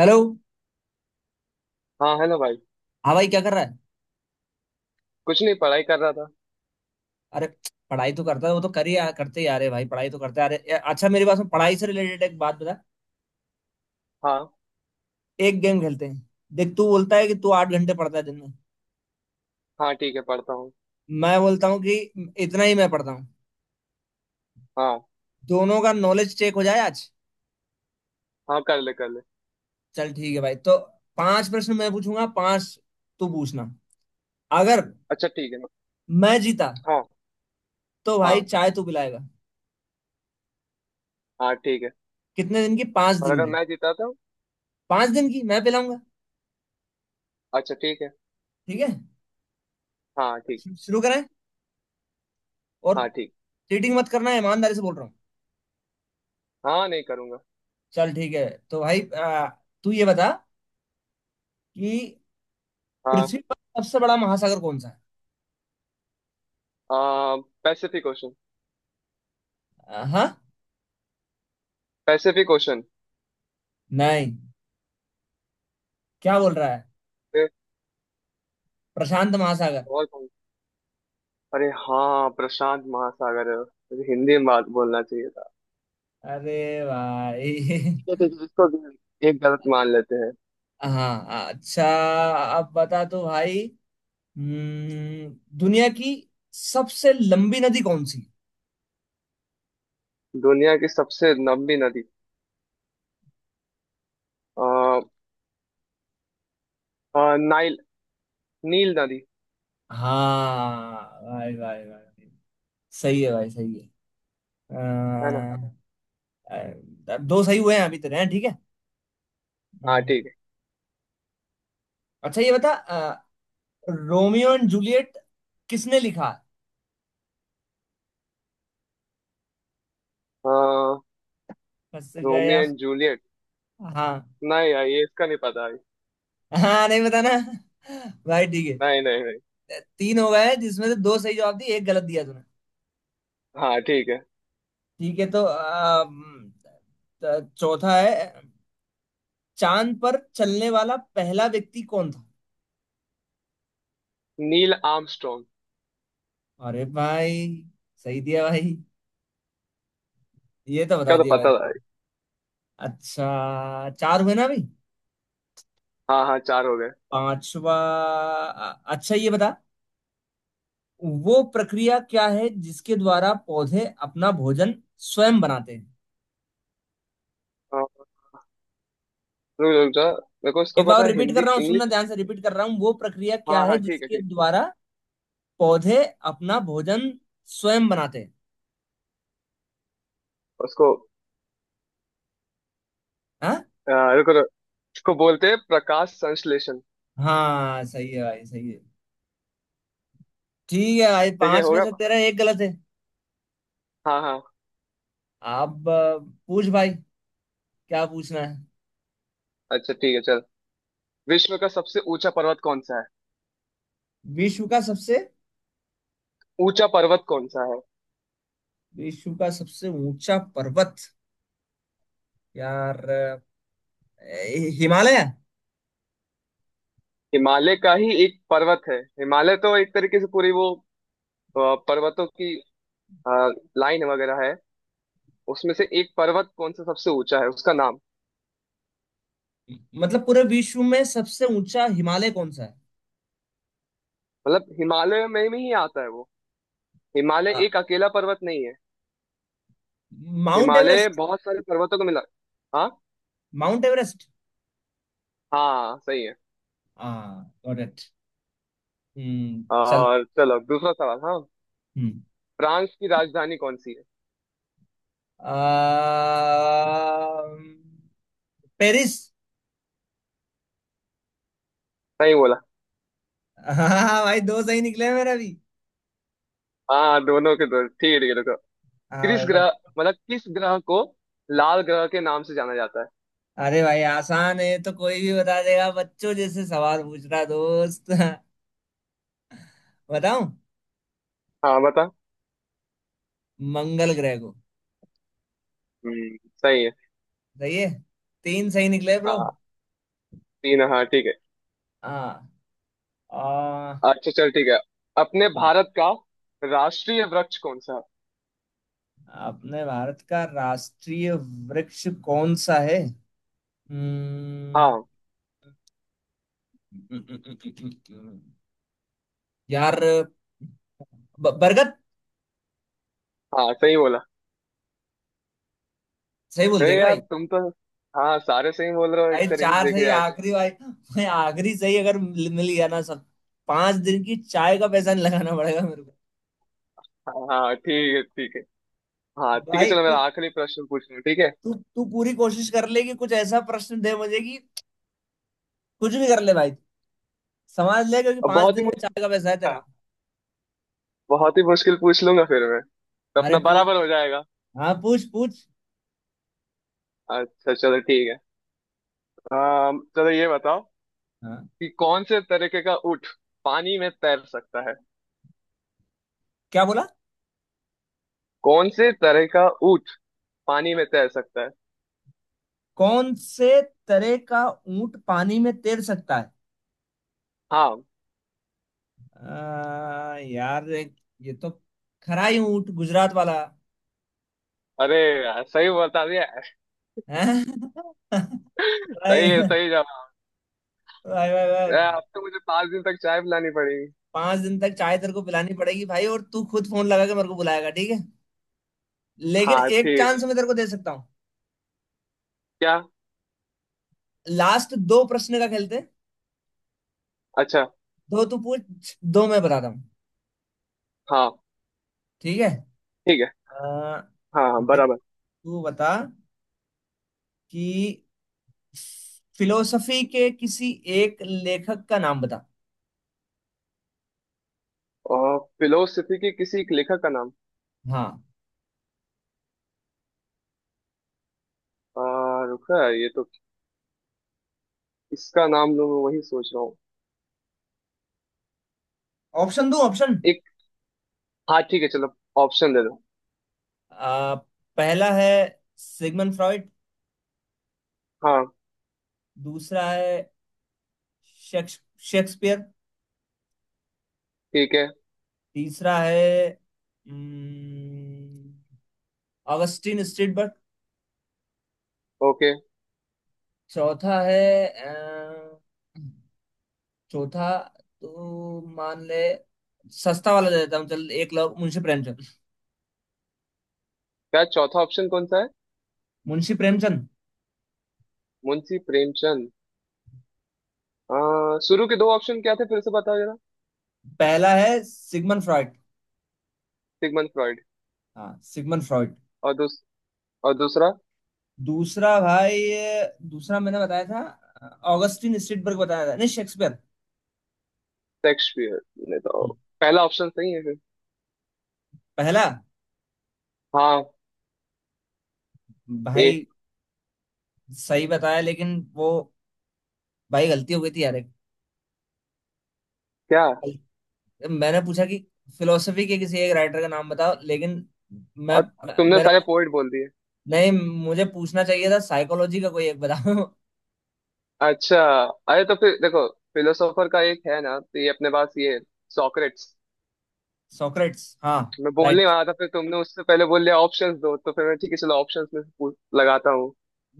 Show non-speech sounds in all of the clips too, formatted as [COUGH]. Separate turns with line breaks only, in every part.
Hello.
हाँ hello भाई।
हाँ भाई, क्या कर रहा है?
कुछ नहीं पढ़ाई कर रहा था।
अरे, पढ़ाई तो करता है। वो तो कर ही करते ही आ रहे भाई, पढ़ाई तो करते आ रहे। अच्छा, मेरे पास में पढ़ाई से रिलेटेड एक बात बता।
हाँ
एक गेम खेलते हैं। देख, तू बोलता है कि तू 8 घंटे पढ़ता है दिन में।
हाँ ठीक है पढ़ता हूँ।
मैं बोलता हूँ कि इतना ही मैं पढ़ता हूँ।
हाँ।
दोनों का नॉलेज चेक हो जाए आज।
हाँ कर ले कर ले।
चल ठीक है भाई, तो पांच प्रश्न मैं पूछूंगा, पांच तू पूछना। अगर
अच्छा ठीक है।
मैं जीता
हाँ।
तो भाई
हाँ।
चाय तू पिलाएगा।
हाँ ठीक है।
कितने दिन की? पांच
और
दिन
अगर
की
मैं जीता तो।
5 दिन की मैं पिलाऊंगा।
अच्छा ठीक है।
ठीक है।
हाँ ठीक।
शुरू करें। और
हाँ ठीक।
चीटिंग मत करना, ईमानदारी से बोल रहा हूँ।
हाँ नहीं करूँगा।
चल ठीक है। तो भाई, तू ये बता कि
हाँ।
पृथ्वी पर सबसे बड़ा महासागर कौन सा है?
आ, पैसिफिक ओशन।
हाँ,
पैसिफिक ओशन।
नहीं, क्या बोल रहा है?
अरे।
प्रशांत महासागर।
और कौन। अरे हाँ प्रशांत महासागर है। मुझे हिंदी में बात बोलना चाहिए था।
अरे भाई।
ठीक है, इसको भी एक गलत मान लेते हैं।
[LAUGHS] हाँ अच्छा। अब बता तो भाई, दुनिया की सबसे लंबी नदी कौन सी है?
दुनिया की सबसे लंबी नदी आ, नाइल। नील नदी।
हाँ भाई भाई भाई, सही है भाई, सही है।
है ना।
अ, अ, दो सही हुए हैं अभी तेरे, हैं ठीक है।
हाँ
हम्म,
ठीक।
अच्छा ये बता, रोमियो एंड जूलियट किसने लिखा?
है।
फंस
रोमियो
गया।
And Juliet.
हाँ।
नहीं यार ये इसका नहीं पता है।
हाँ नहीं बताना भाई, ठीक है।
नहीं नहीं नहीं।
तीन हो गए, जिसमें से दो सही जवाब दिए, एक गलत दिया तूने।
हाँ ठीक है।
ठीक है, तो चौथा है, चांद पर चलने वाला पहला व्यक्ति कौन था?
Neil Armstrong.
अरे भाई, सही दिया भाई, ये तो बता
का तो
दिया भाई।
पता था।
अच्छा, चार हुए ना अभी।
हाँ हाँ चार हो गए।
पांचवा। अच्छा ये बता, वो प्रक्रिया क्या है जिसके द्वारा पौधे अपना भोजन स्वयं बनाते हैं?
हाँ, रुक रुक जा मेरे को उसको
एक
पता
बार
है
रिपीट कर
हिंदी
रहा हूँ,
इंग्लिश।
सुनना ध्यान से। रिपीट कर रहा हूँ, वो प्रक्रिया क्या
हाँ
है
हाँ ठीक है
जिसके
ठीक है।
द्वारा पौधे अपना भोजन स्वयं बनाते हैं?
उसको
हाँ।
रुको रुको उसको बोलते हैं प्रकाश संश्लेषण।
हाँ सही है भाई, सही है। ठीक है भाई,
ठीक है
पांच
हो
में
गया।
से तेरा एक गलत है।
हाँ हाँ।
अब पूछ भाई, क्या पूछना है?
अच्छा ठीक है चल। विश्व का सबसे ऊंचा पर्वत कौन सा है।
विश्व का सबसे,
ऊंचा पर्वत कौन सा है।
विश्व का सबसे ऊंचा पर्वत? यार, हिमालय।
हिमालय का ही एक पर्वत है। हिमालय तो एक तरीके से पूरी वो अ, पर्वतों की लाइन वगैरह है। उसमें से एक पर्वत कौन सा सबसे ऊंचा है उसका नाम।
मतलब पूरे विश्व में सबसे ऊंचा हिमालय कौन सा
मतलब हिमालय में ही आता है वो। हिमालय
है?
एक अकेला पर्वत नहीं है।
Mount
Himalaya
Everest.
बहुत सारे पर्वतों को मिला। हाँ।
Mount Everest.
हाँ सही है।
हाँ गॉट इट। हम्म, चल।
और चलो दूसरा सवाल। हाँ।
हम्म।
फ्रांस की राजधानी कौन सी है।
अम्म, पेरिस।
सही बोला।
[LAUGHS] हाँ भाई, दो सही निकले मेरा भी।
हाँ दोनों के दो ठीक है रुको।
हाँ
किस
भाई,
ग्रह
बस।
मतलब किस ग्रह को लाल ग्रह के नाम से जाना जाता है।
अरे भाई, आसान है तो कोई भी बता देगा, बच्चों जैसे सवाल पूछ रहा दोस्त। [LAUGHS] बताऊं?
हाँ बता।
मंगल ग्रह को।
हम्म सही है।
सही है। तीन सही निकले, ब्रो।
हाँ। तीन हाँ ठीक है।
हाँ। आ,
अच्छा चल ठीक है। अपने भारत का राष्ट्रीय वृक्ष कौन सा है?
अपने भारत का राष्ट्रीय वृक्ष कौन सा है? हम्म।
हाँ।
यार, बरगद।
हाँ सही बोला।
सही बोल दिया
अरे
क्या
यार
भाई?
तुम तो हाँ सारे सही बोल रहे हो एक
भाई,
तरीके से
चार
देखे
सही।
जाए तो।
आखिरी भाई भाई, आखिरी सही अगर मिल मिल गया ना सब, 5 दिन की चाय का पैसा नहीं लगाना पड़ेगा मेरे को।
हाँ हाँ ठीक है ठीक है। हाँ ठीक है
भाई
चलो मेरा
कुछ-
आखिरी प्रश्न पूछ लूँ ठीक है।
तू तू पूरी कोशिश कर ले कि कुछ ऐसा प्रश्न दे मुझे कि, कुछ भी कर ले भाई, समझ ले, क्योंकि
अब
पांच
बहुत ही
दिन का
मुश्किल
चाय का पैसा है
था।
तेरा।
बहुत ही मुश्किल पूछ लूंगा फिर मैं तो
अरे
अपना
पूछ।
बराबर हो जाएगा।
हाँ, पूछ पूछ।
अच्छा चलो ठीक है। चलो ये बताओ
हाँ।
कि कौन से तरीके का ऊँट पानी में तैर सकता है।
क्या बोला?
कौन से तरह का ऊँट पानी में तैर सकता है।
कौन से तरह का ऊंट पानी में तैर सकता है?
हाँ।
यार, ये तो खराई ऊंट, गुजरात वाला।
अरे यार सही बता दिया।
हैं? [LAUGHS] भाई
सही है। सही जवाब।
भाई भाई। भाई,
यार, अब तो मुझे 5 दिन तक चाय पिलानी पड़ेगी।
5 दिन तक चाय तेरे को पिलानी पड़ेगी भाई, और तू खुद फोन लगा के मेरे को बुलाएगा, ठीक है। लेकिन
हाँ
एक
ठीक है।
चांस मैं तेरे को दे सकता हूँ।
क्या।
लास्ट दो प्रश्न का खेलते हैं।
अच्छा।
दो तू पूछ, दो मैं बताता हूँ।
हाँ
ठीक है।
ठीक है।
आ,
हाँ हाँ,
भाई,
बराबर।
तू बता कि फिलोसफी के किसी एक लेखक का नाम बता।
और फिलोसफी के किसी एक लेखक का नाम।
हाँ।
रुका ये तो किसका नाम लूं मैं वही सोच रहा हूँ।
ऑप्शन दूं? ऑप्शन
एक। हाँ ठीक है चलो ऑप्शन दे दो।
आ, पहला है सिगमंड फ्रॉइड।
हाँ।
दूसरा है शेक्स- शेक्सपियर।
ठीक है।
तीसरा है हम्म, ऑगस्टिन स्ट्रीटबर्ग।
ओके।
चौथा है अ, चौथा तो मान ले, सस्ता वाला दे देता हूँ, चल एक लोग मुंशी प्रेमचंद।
क्या चौथा ऑप्शन कौन सा है।
मुंशी प्रेमचंद।
मुंशी प्रेमचंद। आ, शुरू के दो ऑप्शन क्या थे फिर से बताओ जरा।
पहला है सिगमंड फ्रॉइड।
Sigmund Freud.
हाँ, सिगमंड फ्रॉइड।
और दूस, और दूसरा
दूसरा भाई, दूसरा मैंने बताया था ऑगस्टिन स्ट्रीटबर्ग बताया था, नहीं शेक्सपियर।
शेक्सपियर ने तो
हम्म।
पहला ऑप्शन सही है फिर।
पहला।
हाँ। ए।
भाई, सही बताया लेकिन वो, भाई गलती हो गई थी यार।
क्या।
एक, मैंने पूछा कि फिलोसफी के किसी एक राइटर का नाम बताओ, लेकिन मैं,
और तुमने
मेरा,
सारे पोइट बोल दिए।
नहीं मुझे पूछना चाहिए था साइकोलॉजी का कोई एक बताओ। [LAUGHS]
अच्छा। अरे तो फिर देखो फिलोसोफर का एक है ना तो ये अपने पास ये सॉक्रेट्स।
सोक्रेट्स, हाँ।
मैं बोलने
राइट,
वाला था फिर तुमने उससे पहले बोल लिया। ऑप्शंस दो तो फिर मैं ठीक है चलो ऑप्शंस में से पूछ लगाता हूँ।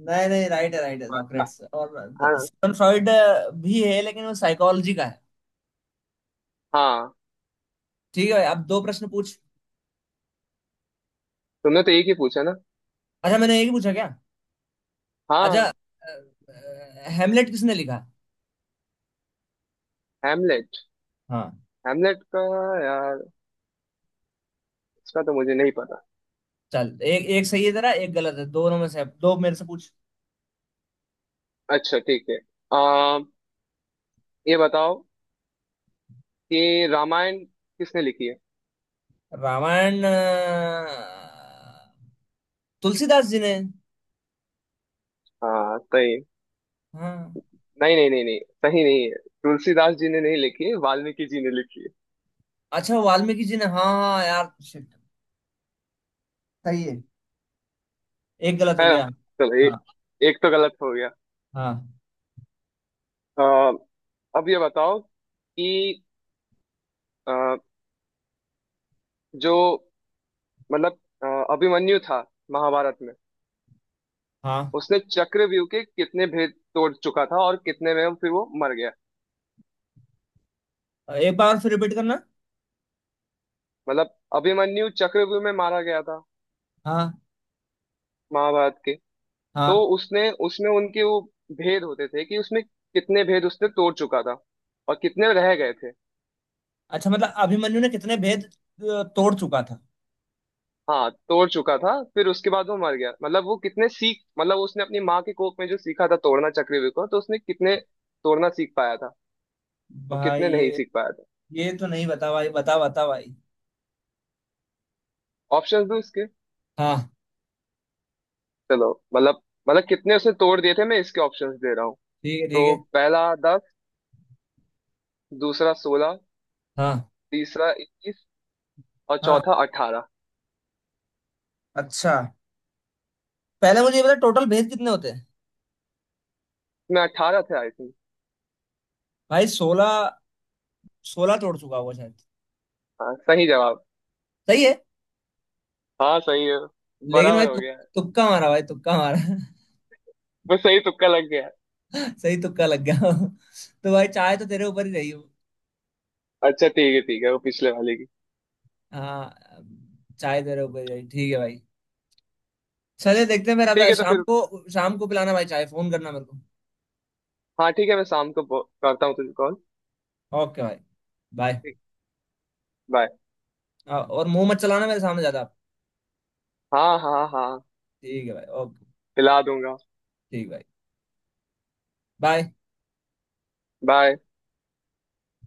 नहीं नहीं, राइट है राइट है।
हाँ।
सोक्रेट्स और
हाँ,
सिमन फ्रॉइड भी है, लेकिन वो साइकोलॉजी का है।
हाँ,
ठीक है भाई, अब दो प्रश्न पूछ।
तुमने तो एक ही पूछा ना।
अच्छा, मैंने एक ही पूछा क्या? अच्छा
हाँ।
हेमलेट किसने लिखा?
हेमलेट।
हाँ।
हेमलेट का यार इसका तो मुझे नहीं पता।
चल, एक एक सही है तेरा, एक गलत है। दोनों में से दो मेरे से पूछ।
अच्छा ठीक है। आ, ये बताओ कि रामायण किसने लिखी है।
रामायण तुलसीदास जी ने।
हाँ सही।
हाँ।
नहीं नहीं नहीं नहीं सही नहीं है। तुलसीदास जी ने नहीं लिखी है। वाल्मीकि जी ने लिखी है।
अच्छा, वाल्मीकि जी ने, हाँ हाँ हाँ, यार शिट। सही है। एक गलत हो
है ना।
गया।
चलो
हाँ।
एक तो गलत हो गया।
हाँ
आ, अब ये बताओ कि अ, जो मतलब अ, अभिमन्यु था महाभारत में।
हाँ।
उसने चक्रव्यूह के कितने भेद तोड़ चुका था और कितने में फिर वो मर गया।
एक बार फिर रिपीट करना।
मतलब अभिमन्यु चक्रव्यूह में मारा गया था
हाँ।
महाभारत के। तो
हाँ।
उसने उसमें उनके वो भेद होते थे कि उसमें कितने भेद उसने तोड़ चुका था और कितने रह गए थे।
अच्छा मतलब अभिमन्यु ने कितने भेद तोड़ चुका था?
हाँ तोड़ चुका था फिर उसके बाद वो मर गया। मतलब वो कितने सीख मतलब उसने अपनी माँ के कोख में जो सीखा था तोड़ना चक्रव्यूह को तो उसने कितने तोड़ना सीख पाया था और
भाई
कितने नहीं
ये
सीख पाया था।
ये तो नहीं बता भाई, बता बता भाई।
ऑप्शंस दो इसके।
हाँ,
चलो मतलब मतलब कितने उसने तोड़ दिए थे मैं इसके ऑप्शंस दे रहा हूँ।
ठीक है ठीक
तो
है।
पहला 10 दूसरा 16
हाँ।
तीसरा 21 और
हाँ।
चौथा 18।
अच्छा, पहले मुझे ये बता, टोटल भेद कितने होते हैं?
इसमें 18 थे आई थिंक।
भाई, 16। 16 तोड़ चुका होगा शायद।
हाँ सही जवाब।
सही है।
हाँ सही है।
लेकिन भाई
बराबर हो
तु,
गया है।
तुक्का मारा भाई, तुक्का मारा।
वो सही तुक्का लग गया है।
सही तुक्का लग गया। तो भाई चाय तो तेरे ऊपर ही रही हूँ।
अच्छा ठीक है ठीक है। वो पिछले वाले की।
हाँ। चाय तेरे ऊपर ही रही, ठीक है भाई। चले देखते हैं मेरा
ठीक
भाई,
है तो फिर।
शाम को पिलाना भाई चाय, फोन करना मेरे को।
हाँ ठीक है मैं शाम को करता हूँ तुझे call।
ओके भाई, बाय।
बाय।
और मुंह मत चलाना मेरे सामने ज्यादा आप।
हाँ हाँ हाँ।
ठीक है भाई, ओके।
खिला दूंगा।
ठीक भाई। बाय।
बाय।